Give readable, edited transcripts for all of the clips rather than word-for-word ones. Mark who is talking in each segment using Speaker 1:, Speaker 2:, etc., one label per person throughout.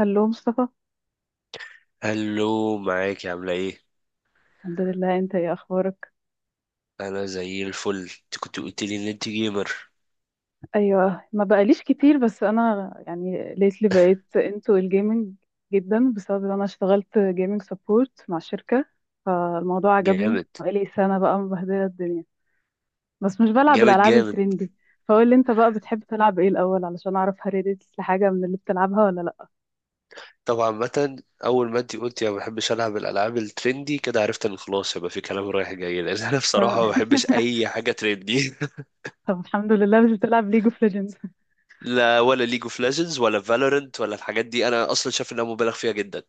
Speaker 1: هلو مصطفى.
Speaker 2: هلو، معاك، عاملة ايه؟
Speaker 1: الحمد لله، انت ايه اخبارك؟
Speaker 2: أنا زي الفل. انت كنت قلت لي إن انت جيمر.
Speaker 1: ايوه، ما بقاليش كتير، بس انا يعني ليتلي بقيت انتو الجيمنج جدا بسبب ان انا اشتغلت جيمنج سبورت مع شركة، فالموضوع عجبني.
Speaker 2: جامد
Speaker 1: بقالي سنة بقى مبهدلة الدنيا. بس مش بلعب
Speaker 2: جامد
Speaker 1: الالعاب
Speaker 2: جامد.
Speaker 1: الترندي. فقول لي انت بقى، بتحب تلعب ايه الاول علشان اعرف هل ريديتس لحاجة من اللي بتلعبها ولا لا؟
Speaker 2: طبعا، مثلا أول ما انت قلت يا ما بحبش ألعب الألعاب الترندي كده، عرفت إن خلاص يبقى في كلام رايح جاي لأن أنا بصراحة ما بحبش
Speaker 1: ف-
Speaker 2: أي حاجة ترندي.
Speaker 1: طب الحمد لله مش بتلعب ليج اوف ليجندز.
Speaker 2: لا، ولا ليج اوف ليجندز ولا فالورنت ولا الحاجات دي. أنا أصلا شايف إنها مبالغ فيها جدا.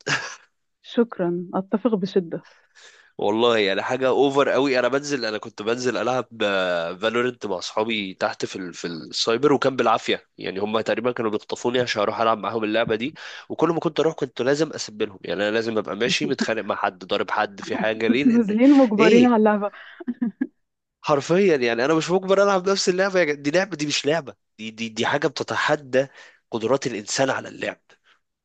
Speaker 1: شكرا، اتفق بشدة.
Speaker 2: والله يعني حاجة اوفر قوي. انا كنت بنزل العب فالورنت مع اصحابي تحت في السايبر، وكان بالعافية. يعني هم تقريبا كانوا بيخطفوني عشان اروح العب معاهم اللعبة دي. وكل ما كنت اروح كنت لازم اسبلهم. يعني انا لازم ابقى ماشي متخانق مع حد، ضارب حد في حاجة، ليه؟ لان
Speaker 1: نازلين مجبرين على
Speaker 2: ايه،
Speaker 1: اللعبة.
Speaker 2: حرفيا. يعني انا مش مجبر العب نفس اللعبة. دي لعبة، دي مش لعبة. دي حاجة بتتحدى قدرات الانسان على اللعب.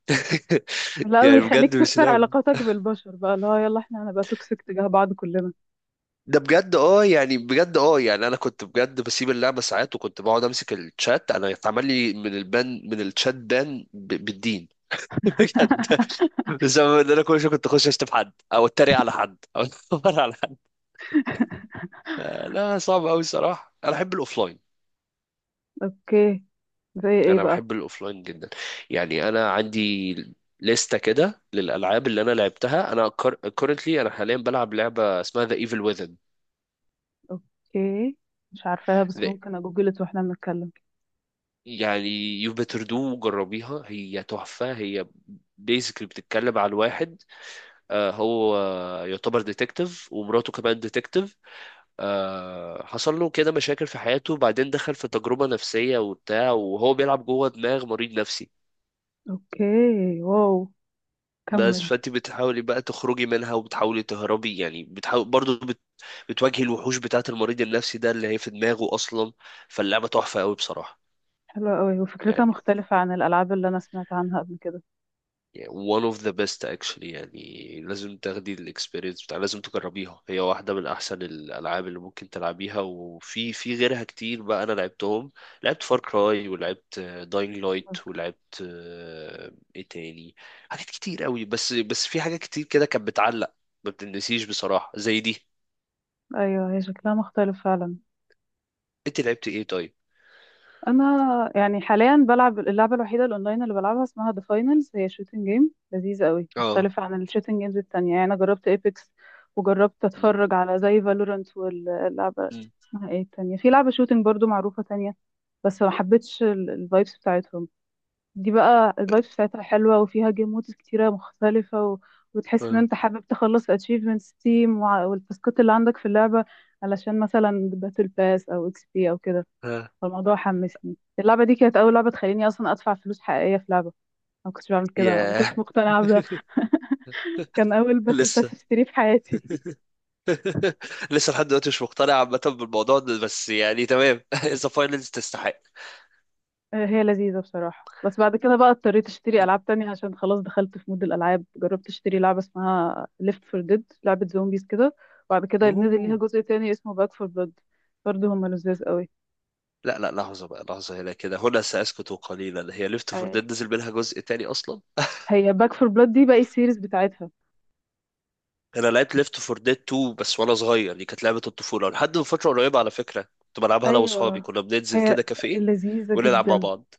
Speaker 1: لا،
Speaker 2: يعني
Speaker 1: ويخليك
Speaker 2: بجد مش
Speaker 1: تكسر
Speaker 2: لعبة.
Speaker 1: علاقاتك بالبشر بقى، اللي هو يلا احنا هنبقى توكسيك تجاه بعض كلنا.
Speaker 2: ده بجد. اه يعني بجد يعني انا كنت بجد بسيب اللعبه ساعات، وكنت بقعد امسك الشات. انا اتعمل لي من البان، من الشات بان، بالدين. بجد، بسبب ان انا كل شويه كنت اخش اشتم حد او اتريق على حد او اتنمر على حد. آه، لا، صعب قوي الصراحه.
Speaker 1: اوكي، زي ايه
Speaker 2: انا
Speaker 1: بقى؟
Speaker 2: بحب الاوفلاين جدا. يعني انا عندي لستة كده للالعاب اللي انا لعبتها انا. انا حاليا بلعب لعبه اسمها ذا ايفل ويزن.
Speaker 1: اوكي، مش عارفاها، بس ممكن اجوجلت واحنا بنتكلم.
Speaker 2: يعني يو بيتر دو، جربيها، هي تحفة. هي بيزيكلي بتتكلم عن واحد، آه، هو يعتبر ديتكتيف ومراته كمان ديتكتيف. حصل له كده مشاكل في حياته، وبعدين دخل في تجربة نفسية وبتاع وهو بيلعب جوه دماغ مريض نفسي.
Speaker 1: اوكي، واو،
Speaker 2: بس
Speaker 1: كمل.
Speaker 2: فانت بتحاولي بقى تخرجي منها، وبتحاولي تهربي. يعني بتحاول برضه بتواجهي الوحوش بتاعة المريض النفسي ده اللي هي في دماغه أصلا. فاللعبة تحفة قوي بصراحة.
Speaker 1: حلوة قوي، وفكرتها
Speaker 2: يعني
Speaker 1: مختلفة عن الألعاب اللي أنا سمعت عنها قبل كده.
Speaker 2: يعني one of the best actually. يعني لازم تاخدي الاكسبيرينس بتاع، لازم تجربيها. هي واحدة من أحسن الألعاب اللي ممكن تلعبيها، وفي غيرها كتير بقى أنا لعبتهم. لعبت فار كراي ولعبت داينج لايت ولعبت إيه تاني، حاجات كتير قوي. بس في حاجات كتير كده كانت بتعلق، ما بتنسيش بصراحة زي دي.
Speaker 1: أيوة، هي شكلها مختلف فعلا.
Speaker 2: أنت لعبت إيه طيب؟
Speaker 1: انا يعني حاليا بلعب اللعبه الوحيده الاونلاين اللي بلعبها، اسمها ذا فاينلز. هي شوتنج جيم لذيذه قوي،
Speaker 2: اه.
Speaker 1: مختلفه عن الشوتنج جيمز التانية. يعني انا جربت ايبكس، وجربت
Speaker 2: م-
Speaker 1: اتفرج على زي فالورانت، واللعبه
Speaker 2: م-
Speaker 1: اسمها ايه التانية، في لعبه شوتنج برضو معروفه تانية، بس ما حبيتش الفايبس بتاعتهم. دي بقى الفايبس بتاعتها حلوه، وفيها جيم مودز كتيره مختلفه، و... وتحس ان
Speaker 2: آه،
Speaker 1: انت حابب تخلص اتشيفمنتس تيم والتاسكات اللي عندك في اللعبه، علشان مثلا باتل باس او اكس بي او كده.
Speaker 2: آه.
Speaker 1: فالموضوع حمسني. اللعبة دي كانت أول لعبة تخليني أصلا أدفع فلوس حقيقية في لعبة. أنا ما كنتش بعمل كده، ما كنتش
Speaker 2: ياه.
Speaker 1: مقتنعة بده. كان أول باتل باس
Speaker 2: لسه.
Speaker 1: اشتريه في حياتي.
Speaker 2: لسه لحد دلوقتي مش مقتنع عامة بالموضوع ده، بس يعني تمام. ذا فاينلز تستحق.
Speaker 1: آه، هي لذيذة بصراحة. بس بعد كده بقى اضطريت اشتري ألعاب تانية، عشان خلاص دخلت في مود الألعاب. جربت اشتري لعبة اسمها ليفت فور ديد، لعبة زومبيز كده. وبعد كده نزل ليها
Speaker 2: اوه،
Speaker 1: جزء تاني اسمه باك فور بلاد، برضه هما لذاذ قوي.
Speaker 2: لا، لا، لحظة بقى، لحظة. هنا كده، هنا سأسكت قليلا. هي ليفت فور
Speaker 1: آه،
Speaker 2: ديد نزل منها جزء تاني أصلا؟
Speaker 1: هي باك فور بلاد دي بقى السيريز بتاعتها.
Speaker 2: أنا لعبت ليفت فور ديد 2 بس، وأنا صغير. دي كانت لعبة الطفولة لحد من فترة قريبة على فكرة. كنت بلعبها أنا وأصحابي،
Speaker 1: أيوه،
Speaker 2: كنا بننزل
Speaker 1: هي
Speaker 2: كده كافيه
Speaker 1: لذيذة
Speaker 2: ونلعب مع
Speaker 1: جدا.
Speaker 2: بعض.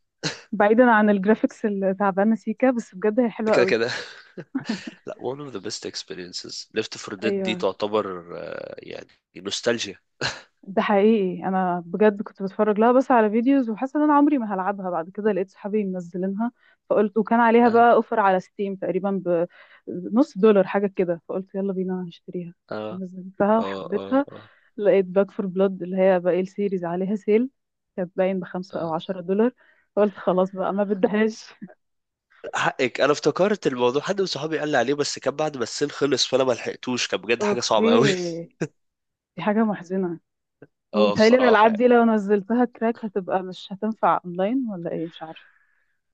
Speaker 1: بعيدا عن الجرافيكس اللي تعبانه سيكا، بس بجد هي
Speaker 2: ده
Speaker 1: حلوه
Speaker 2: كده
Speaker 1: قوي.
Speaker 2: كده. لا، one of the best experiences. ليفت فور ديد دي
Speaker 1: ايوه.
Speaker 2: تعتبر، آه، يعني نوستالجيا.
Speaker 1: ده حقيقي، انا بجد كنت بتفرج لها بس على فيديوز، وحاسه ان انا عمري ما هلعبها. بعد كده لقيت صحابي منزلينها، فقلت، وكان عليها
Speaker 2: اه
Speaker 1: بقى اوفر على ستيم تقريبا بنص دولار حاجه كده، فقلت يلا بينا هشتريها.
Speaker 2: اه
Speaker 1: نزلتها
Speaker 2: اه اه،
Speaker 1: وحبيتها.
Speaker 2: آه.
Speaker 1: لقيت باك فور بلاد اللي هي باقي السيريز عليها سيل، كانت باين بخمسة او
Speaker 2: آه.
Speaker 1: عشرة دولار، فقلت خلاص بقى ما بدهاش.
Speaker 2: حقك. انا افتكرت الموضوع، حد من صحابي قال لي عليه، بس كان بعد ما السيل خلص، فانا ما لحقتوش. كان بجد حاجه
Speaker 1: اوكي،
Speaker 2: صعبه قوي.
Speaker 1: دي حاجه محزنه.
Speaker 2: اه،
Speaker 1: وبيتهيألي
Speaker 2: بصراحه
Speaker 1: الألعاب
Speaker 2: يعني.
Speaker 1: دي لو نزلتها كراك هتبقى مش هتنفع أونلاين ولا إيه، مش عارفة.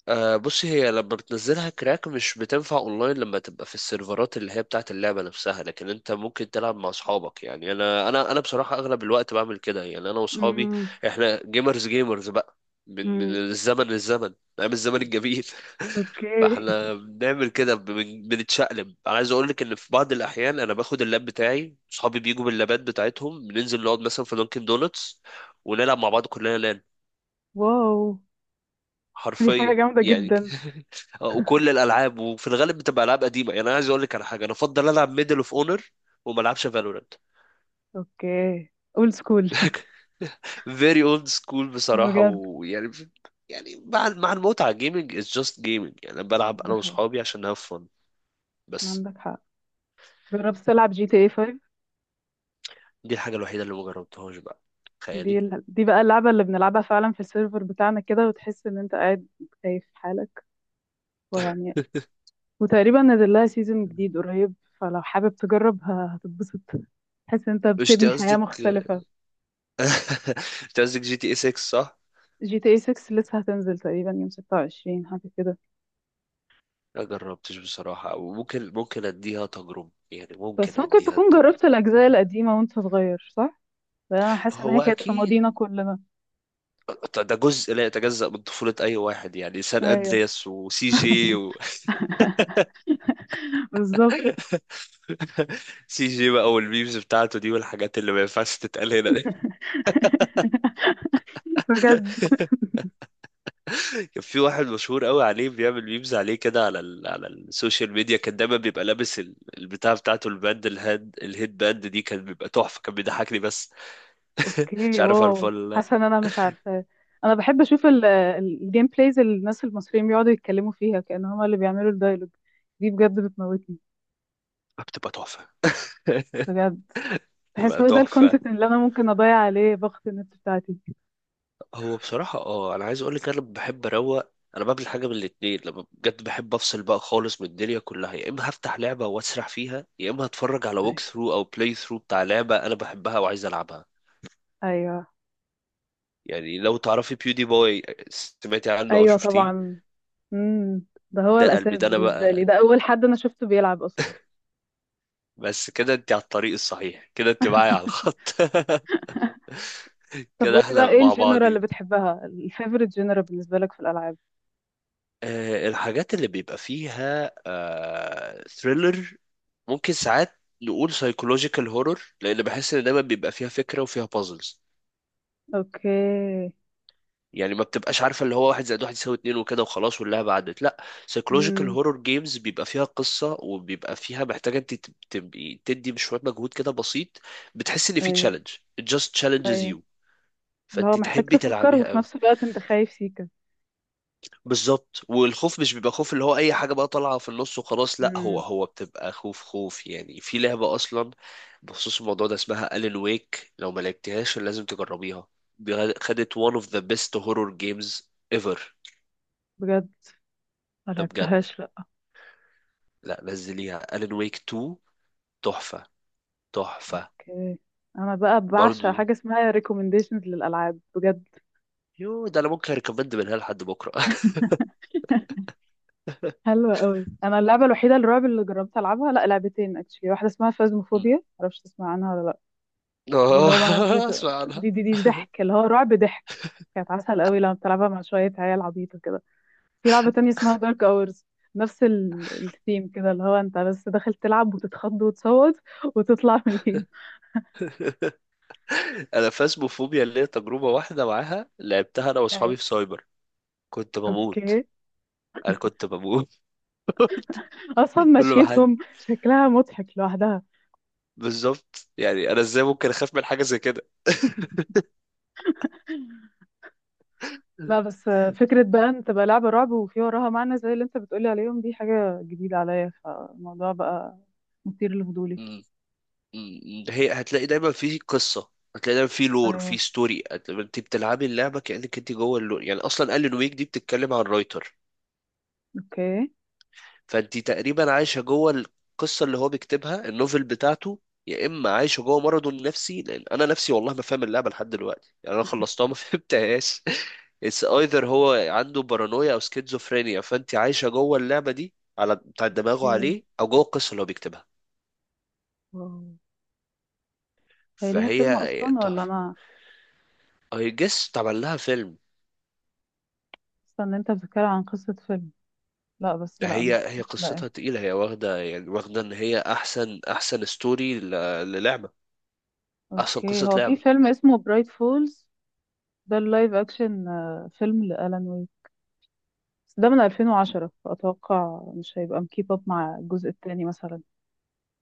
Speaker 2: بص، هي لما بتنزلها كراك مش بتنفع اونلاين لما تبقى في السيرفرات اللي هي بتاعت اللعبة نفسها. لكن انت ممكن تلعب مع اصحابك. يعني انا بصراحة اغلب الوقت بعمل كده. يعني انا واصحابي
Speaker 1: امم.
Speaker 2: احنا جيمرز جيمرز بقى، من
Speaker 1: امم.
Speaker 2: الزمن للزمن. ايام الزمن الجميل.
Speaker 1: أوكي.
Speaker 2: فاحنا بنعمل كده، بنتشقلب. انا عايز اقول لك ان في بعض الاحيان انا باخد اللاب بتاعي، اصحابي بيجوا باللابات بتاعتهم، بننزل نقعد مثلا في دانكن دونتس ونلعب مع بعض كلنا، لان
Speaker 1: واو، دي حاجة
Speaker 2: حرفيا،
Speaker 1: جامدة
Speaker 2: يعني.
Speaker 1: جدا.
Speaker 2: وكل الالعاب وفي الغالب بتبقى العاب قديمه. يعني انا عايز اقول لك على حاجه، انا افضل العب ميدل اوف اونر وما العبش فالورانت.
Speaker 1: أوكي، أولد سكول.
Speaker 2: فيري اولد سكول بصراحه.
Speaker 1: بجد.
Speaker 2: ويعني مع المتعه، جيمنج از جاست جيمنج. يعني انا بلعب
Speaker 1: ده
Speaker 2: انا
Speaker 1: حقيقي.
Speaker 2: واصحابي عشان هاف فن بس.
Speaker 1: عندك حق. جربت تلعب جي تي اي 5؟
Speaker 2: دي الحاجه الوحيده اللي ما جربتهاش بقى.
Speaker 1: دي
Speaker 2: تخيلي.
Speaker 1: ال... دي بقى اللعبة اللي بنلعبها فعلا في السيرفر بتاعنا كده، وتحس ان انت قاعد خايف في حالك. ويعني، وتقريبا نزل لها سيزون جديد قريب، فلو حابب تجرب هتتبسط. تحس ان انت
Speaker 2: مش انت
Speaker 1: بتبني حياة
Speaker 2: قصدك،
Speaker 1: مختلفة.
Speaker 2: انت قصدك جي تي اي 6 صح؟
Speaker 1: جي تي اي 6 لسه هتنزل تقريبا يوم 26 حاجة كده.
Speaker 2: ما جربتش بصراحة، وممكن اديها تجربة. يعني ممكن
Speaker 1: بس ممكن
Speaker 2: اديها
Speaker 1: تكون
Speaker 2: التجربة.
Speaker 1: جربت الأجزاء القديمة وانت صغير، صح؟ لأن أنا حاسة إن هي
Speaker 2: هو
Speaker 1: كانت في
Speaker 2: اكيد
Speaker 1: ماضينا كلنا.
Speaker 2: ده جزء لا يتجزأ من طفولة أي واحد. يعني سان
Speaker 1: أيوه.
Speaker 2: أندرياس وسي جي و...
Speaker 1: بالظبط.
Speaker 2: سي جي بقى والميمز بتاعته دي، والحاجات اللي ما ينفعش تتقال هنا دي.
Speaker 1: بجد.
Speaker 2: كان في واحد مشهور قوي عليه بيعمل ميمز عليه كده على السوشيال ميديا. كان دايما بيبقى لابس البتاع بتاعته الباند، الهيد باند دي. كان بيبقى تحفة، كان بيضحكني بس. مش
Speaker 1: أوكي،
Speaker 2: عارف عارفه
Speaker 1: واو،
Speaker 2: ولا لا.
Speaker 1: حاسة إن أنا مش عارفة. أنا بحب أشوف الجيم بلايز اللي الناس المصريين بيقعدوا يتكلموا فيها كأن هما اللي بيعملوا الدايلوج. دي بجد بتموتني.
Speaker 2: بتبقى تحفة.
Speaker 1: بجد، بحس
Speaker 2: بتبقى
Speaker 1: هو ده
Speaker 2: تحفة.
Speaker 1: الكونتنت اللي أنا ممكن أضيع عليه باقة النت بتاعتي.
Speaker 2: هو بصراحة، انا عايز اقول لك انا بحب اروق. انا بعمل حاجة من الاتنين لما بجد بحب افصل بقى خالص من الدنيا كلها: يا اما هفتح لعبة واسرح فيها، يا اما هتفرج على ووك ثرو او بلاي ثرو بتاع لعبة انا بحبها وعايز العبها.
Speaker 1: أيوه.
Speaker 2: يعني لو تعرفي بيودي بوي، سمعتي عنه او
Speaker 1: ايوه
Speaker 2: شفتيه؟
Speaker 1: طبعا. امم. ده هو
Speaker 2: ده قلبي،
Speaker 1: الاساس
Speaker 2: ده انا بقى
Speaker 1: بالنسبه لي، ده
Speaker 2: قلبي.
Speaker 1: اول حد انا شفته بيلعب اصلا.
Speaker 2: بس كده انت على الطريق الصحيح، كده انت معايا على الخط.
Speaker 1: طب
Speaker 2: كده
Speaker 1: قولي بقى،
Speaker 2: احنا
Speaker 1: ايه
Speaker 2: مع
Speaker 1: الجنرال اللي
Speaker 2: بعضينا.
Speaker 1: بتحبها، الفيفوريت جنرال بالنسبه لك في الالعاب؟
Speaker 2: الحاجات اللي بيبقى فيها ثريلر. ممكن ساعات نقول سايكولوجيكال هورور، لان بحس ان دايما بيبقى فيها فكره وفيها بازلز.
Speaker 1: اوكي.
Speaker 2: يعني ما بتبقاش عارفه اللي هو واحد زائد واحد يساوي اتنين وكده وخلاص واللعبه عدت، لا. سايكولوجيكال
Speaker 1: امم.
Speaker 2: هورور جيمز بيبقى فيها قصه، وبيبقى فيها محتاجه انت تبقي تدي شويه مجهود كده بسيط. بتحس ان في
Speaker 1: ايوه.
Speaker 2: تشالنج. it just challenges
Speaker 1: ايوه.
Speaker 2: you.
Speaker 1: اللي هو
Speaker 2: فانت
Speaker 1: محتاج
Speaker 2: تحبي
Speaker 1: تفكر،
Speaker 2: تلعبيها
Speaker 1: وفي
Speaker 2: قوي.
Speaker 1: نفس الوقت انت خايف سيكا.
Speaker 2: بالظبط. والخوف مش بيبقى خوف اللي هو اي حاجه بقى طالعه في النص وخلاص، لا. هو
Speaker 1: امم.
Speaker 2: هو بتبقى خوف خوف. يعني في لعبه اصلا بخصوص الموضوع ده، اسمها الين ويك. لو ما لعبتهاش لازم تجربيها. دي خدت one of the best horror games ever.
Speaker 1: بجد؟ ما
Speaker 2: ده بجد.
Speaker 1: لعبتهاش لا.
Speaker 2: لا، نزليها. الين ويك 2 تحفه تحفه.
Speaker 1: اوكي، انا بقى بعشق
Speaker 2: برضو
Speaker 1: حاجه اسمها ريكومنديشنز للالعاب بجد.
Speaker 2: يو، ده انا ممكن ريكومند منها لحد بكره.
Speaker 1: حلوة قوي. انا اللعبه الوحيده الرعب اللي جربت العبها، لا لعبتين اكشلي، واحده اسمها فازموفوبيا، معرفش تسمع عنها ولا لا. دي اللي
Speaker 2: اه.
Speaker 1: هو بقى ناس بت...
Speaker 2: اسمع عنها.
Speaker 1: دي دي دي ضحك، اللي هو رعب ضحك. كانت عسل قوي لما بتلعبها مع شوية عيال عبيطة كده. في لعبة تانية اسمها دارك اورز، نفس الثيم كده، اللي هو انت بس داخل تلعب وتتخض وتصوت وتطلع من الجيم.
Speaker 2: انا فاسموفوبيا اللي هي تجربه واحده معاها، لعبتها انا
Speaker 1: ايوه.
Speaker 2: واصحابي في سايبر. كنت بموت.
Speaker 1: اوكي.
Speaker 2: انا كنت بموت.
Speaker 1: اصلا
Speaker 2: كل ما حد.
Speaker 1: مشيتهم شكلها مضحك لوحدها.
Speaker 2: بالظبط، يعني انا ازاي ممكن اخاف من حاجه زي كده.
Speaker 1: لا بس فكرة بقى ان تبقى لعبة رعب وفي وراها معنى زي اللي انت بتقولي عليهم، دي حاجة جديدة عليا، فالموضوع بقى مثير لفضولي.
Speaker 2: م- هي هتلاقي دايما في قصه، هتلاقي دايما في لور في
Speaker 1: ايوه.
Speaker 2: ستوري. انت بتلعبي اللعبه كانك انت جوه اللور. يعني اصلا قال لي نويك دي بتتكلم عن رايتر،
Speaker 1: اوكي.
Speaker 2: فانت تقريبا عايشه جوه القصه اللي هو بيكتبها، النوفل بتاعته. يا اما عايشه جوه مرضه النفسي، لان انا نفسي والله ما فاهم اللعبه لحد دلوقتي. يعني انا خلصتها ما فهمتهاش. اتس ايذر هو عنده بارانويا او سكيزوفرينيا، فانت عايشه جوه اللعبه دي على بتاع دماغه
Speaker 1: اوكي،
Speaker 2: عليه، او جوه القصه اللي هو بيكتبها.
Speaker 1: واو. هي ليها فيلم
Speaker 2: فهي
Speaker 1: اصلا ولا
Speaker 2: تحفه.
Speaker 1: انا
Speaker 2: اي جس اتعمل لها فيلم.
Speaker 1: حاسه ان انت بتتكلم عن قصه فيلم؟ لا، بس
Speaker 2: ده
Speaker 1: لا
Speaker 2: هي
Speaker 1: مش
Speaker 2: قصتها
Speaker 1: لاقيه.
Speaker 2: تقيله. هي واخده، يعني واخده ان هي احسن ستوري للعبه، احسن
Speaker 1: اوكي،
Speaker 2: قصه
Speaker 1: هو في
Speaker 2: لعبه.
Speaker 1: فيلم اسمه برايت فولز، ده اللايف اكشن، آه، فيلم لالان ويك، بس ده من 2010، فاتوقع مش هيبقى مكيب اب مع الجزء التاني مثلا.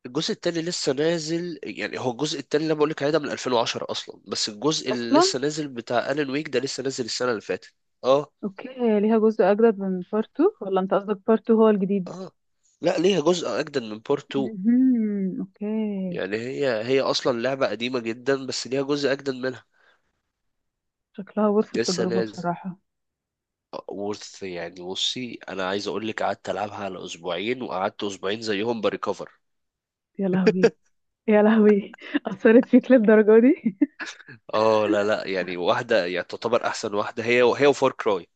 Speaker 2: الجزء التاني لسه نازل. يعني هو الجزء التاني اللي انا بقول لك عليه ده من 2010 اصلا، بس الجزء اللي
Speaker 1: اصلا؟
Speaker 2: لسه نازل بتاع ألان ويك ده لسه نازل السنة اللي فاتت. اه
Speaker 1: اوكي، هي ليها جزء اجدد من بارت 2 ولا انت قصدك بارت 2 هو الجديد؟
Speaker 2: اه. لا، ليها جزء اجدد من بورت 2.
Speaker 1: مهم. اوكي.
Speaker 2: يعني هي اصلا لعبة قديمة جدا، بس ليها جزء اجدد منها
Speaker 1: شكلها ورث
Speaker 2: لسه
Speaker 1: التجربه
Speaker 2: نازل.
Speaker 1: بصراحه.
Speaker 2: وورث يعني. بصي انا عايز اقول لك قعدت العبها على اسبوعين، وقعدت اسبوعين زيهم بريكفر.
Speaker 1: يا لهوي، يا لهوي. اثرت فيك للدرجه دي.
Speaker 2: اه لا لا. يعني واحدة يعني تعتبر احسن واحدة، هي وفار كراي.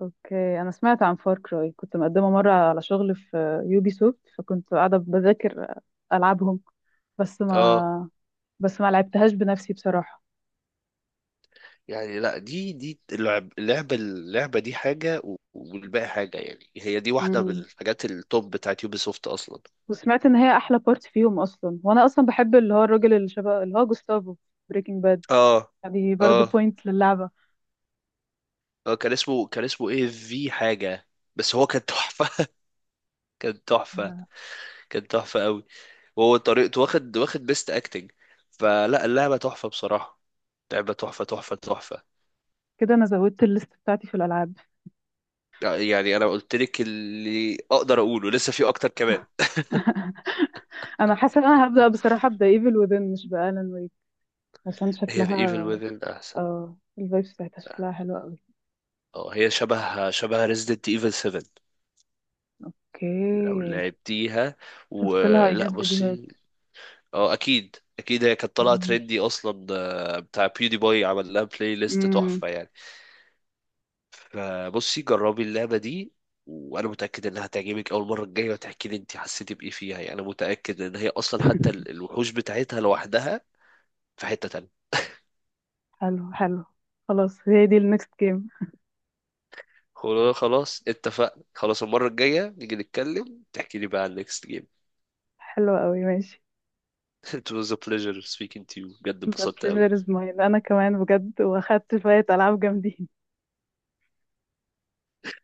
Speaker 1: اوكي، انا سمعت عن فار كراي. كنت مقدمه مره على شغل في يوبي سوفت، فكنت قاعده بذاكر العابهم، بس
Speaker 2: اه.
Speaker 1: ما بس ما لعبتهاش بنفسي بصراحه.
Speaker 2: يعني لا، دي اللعبة دي حاجة والباقي حاجة. يعني هي دي واحدة من
Speaker 1: امم.
Speaker 2: الحاجات التوب بتاعت يوبي سوفت أصلا.
Speaker 1: وسمعت ان هي احلى بارت فيهم اصلا. وانا اصلا بحب اللي هو الراجل اللي شبه اللي هو جوستافو، بريكنج باد.
Speaker 2: اه
Speaker 1: دي برضه
Speaker 2: اه
Speaker 1: بوينت للعبه.
Speaker 2: اه. كان اسمه ايه في حاجة، بس هو كان تحفة. كان تحفة.
Speaker 1: آه،
Speaker 2: كان تحفة قوي. وهو طريقته واخد بيست اكتنج. فلا، اللعبة تحفة بصراحة. لعبة تحفة تحفة تحفة.
Speaker 1: كده انا زودت الليست بتاعتي في الالعاب.
Speaker 2: يعني انا قلت لك اللي اقدر اقوله، لسه في اكتر كمان.
Speaker 1: انا حاسه ان انا هبدا بصراحه، ابدا ايفل وذن مش بالان ويك، عشان
Speaker 2: هي ذا ايفل
Speaker 1: شكلها.
Speaker 2: وذن احسن.
Speaker 1: اه، الفايبس بتاعتها شكلها حلو قوي.
Speaker 2: اه هي شبه ريزيدنت ايفل 7 لو
Speaker 1: اوكي،
Speaker 2: لعبتيها.
Speaker 1: شفت لها اي
Speaker 2: ولا
Speaker 1: جاس فيديوهات.
Speaker 2: بصي. اه اكيد اكيد هي كانت طالعه
Speaker 1: مم.
Speaker 2: ترندي اصلا. بتاع بيودي باي عمل لها بلاي ليست
Speaker 1: امم.
Speaker 2: تحفه يعني. فبصي جربي اللعبه دي، وانا متاكد انها هتعجبك. اول مره الجايه وتحكي لي انت حسيتي بايه فيها. يعني انا متاكد ان هي اصلا حتى الوحوش بتاعتها لوحدها في حته تانية.
Speaker 1: حلو حلو. خلاص، هي دي النكست جيم.
Speaker 2: خلاص خلاص اتفقنا خلاص. المره الجايه نيجي نتكلم، تحكي لي بقى عن next game.
Speaker 1: حلوة قوي، ماشي.
Speaker 2: it was a pleasure speaking to you. بجد
Speaker 1: The
Speaker 2: اتبسطت قوي.
Speaker 1: pleasure is mine، انا كمان بجد. واخدت شوية العاب جامدين.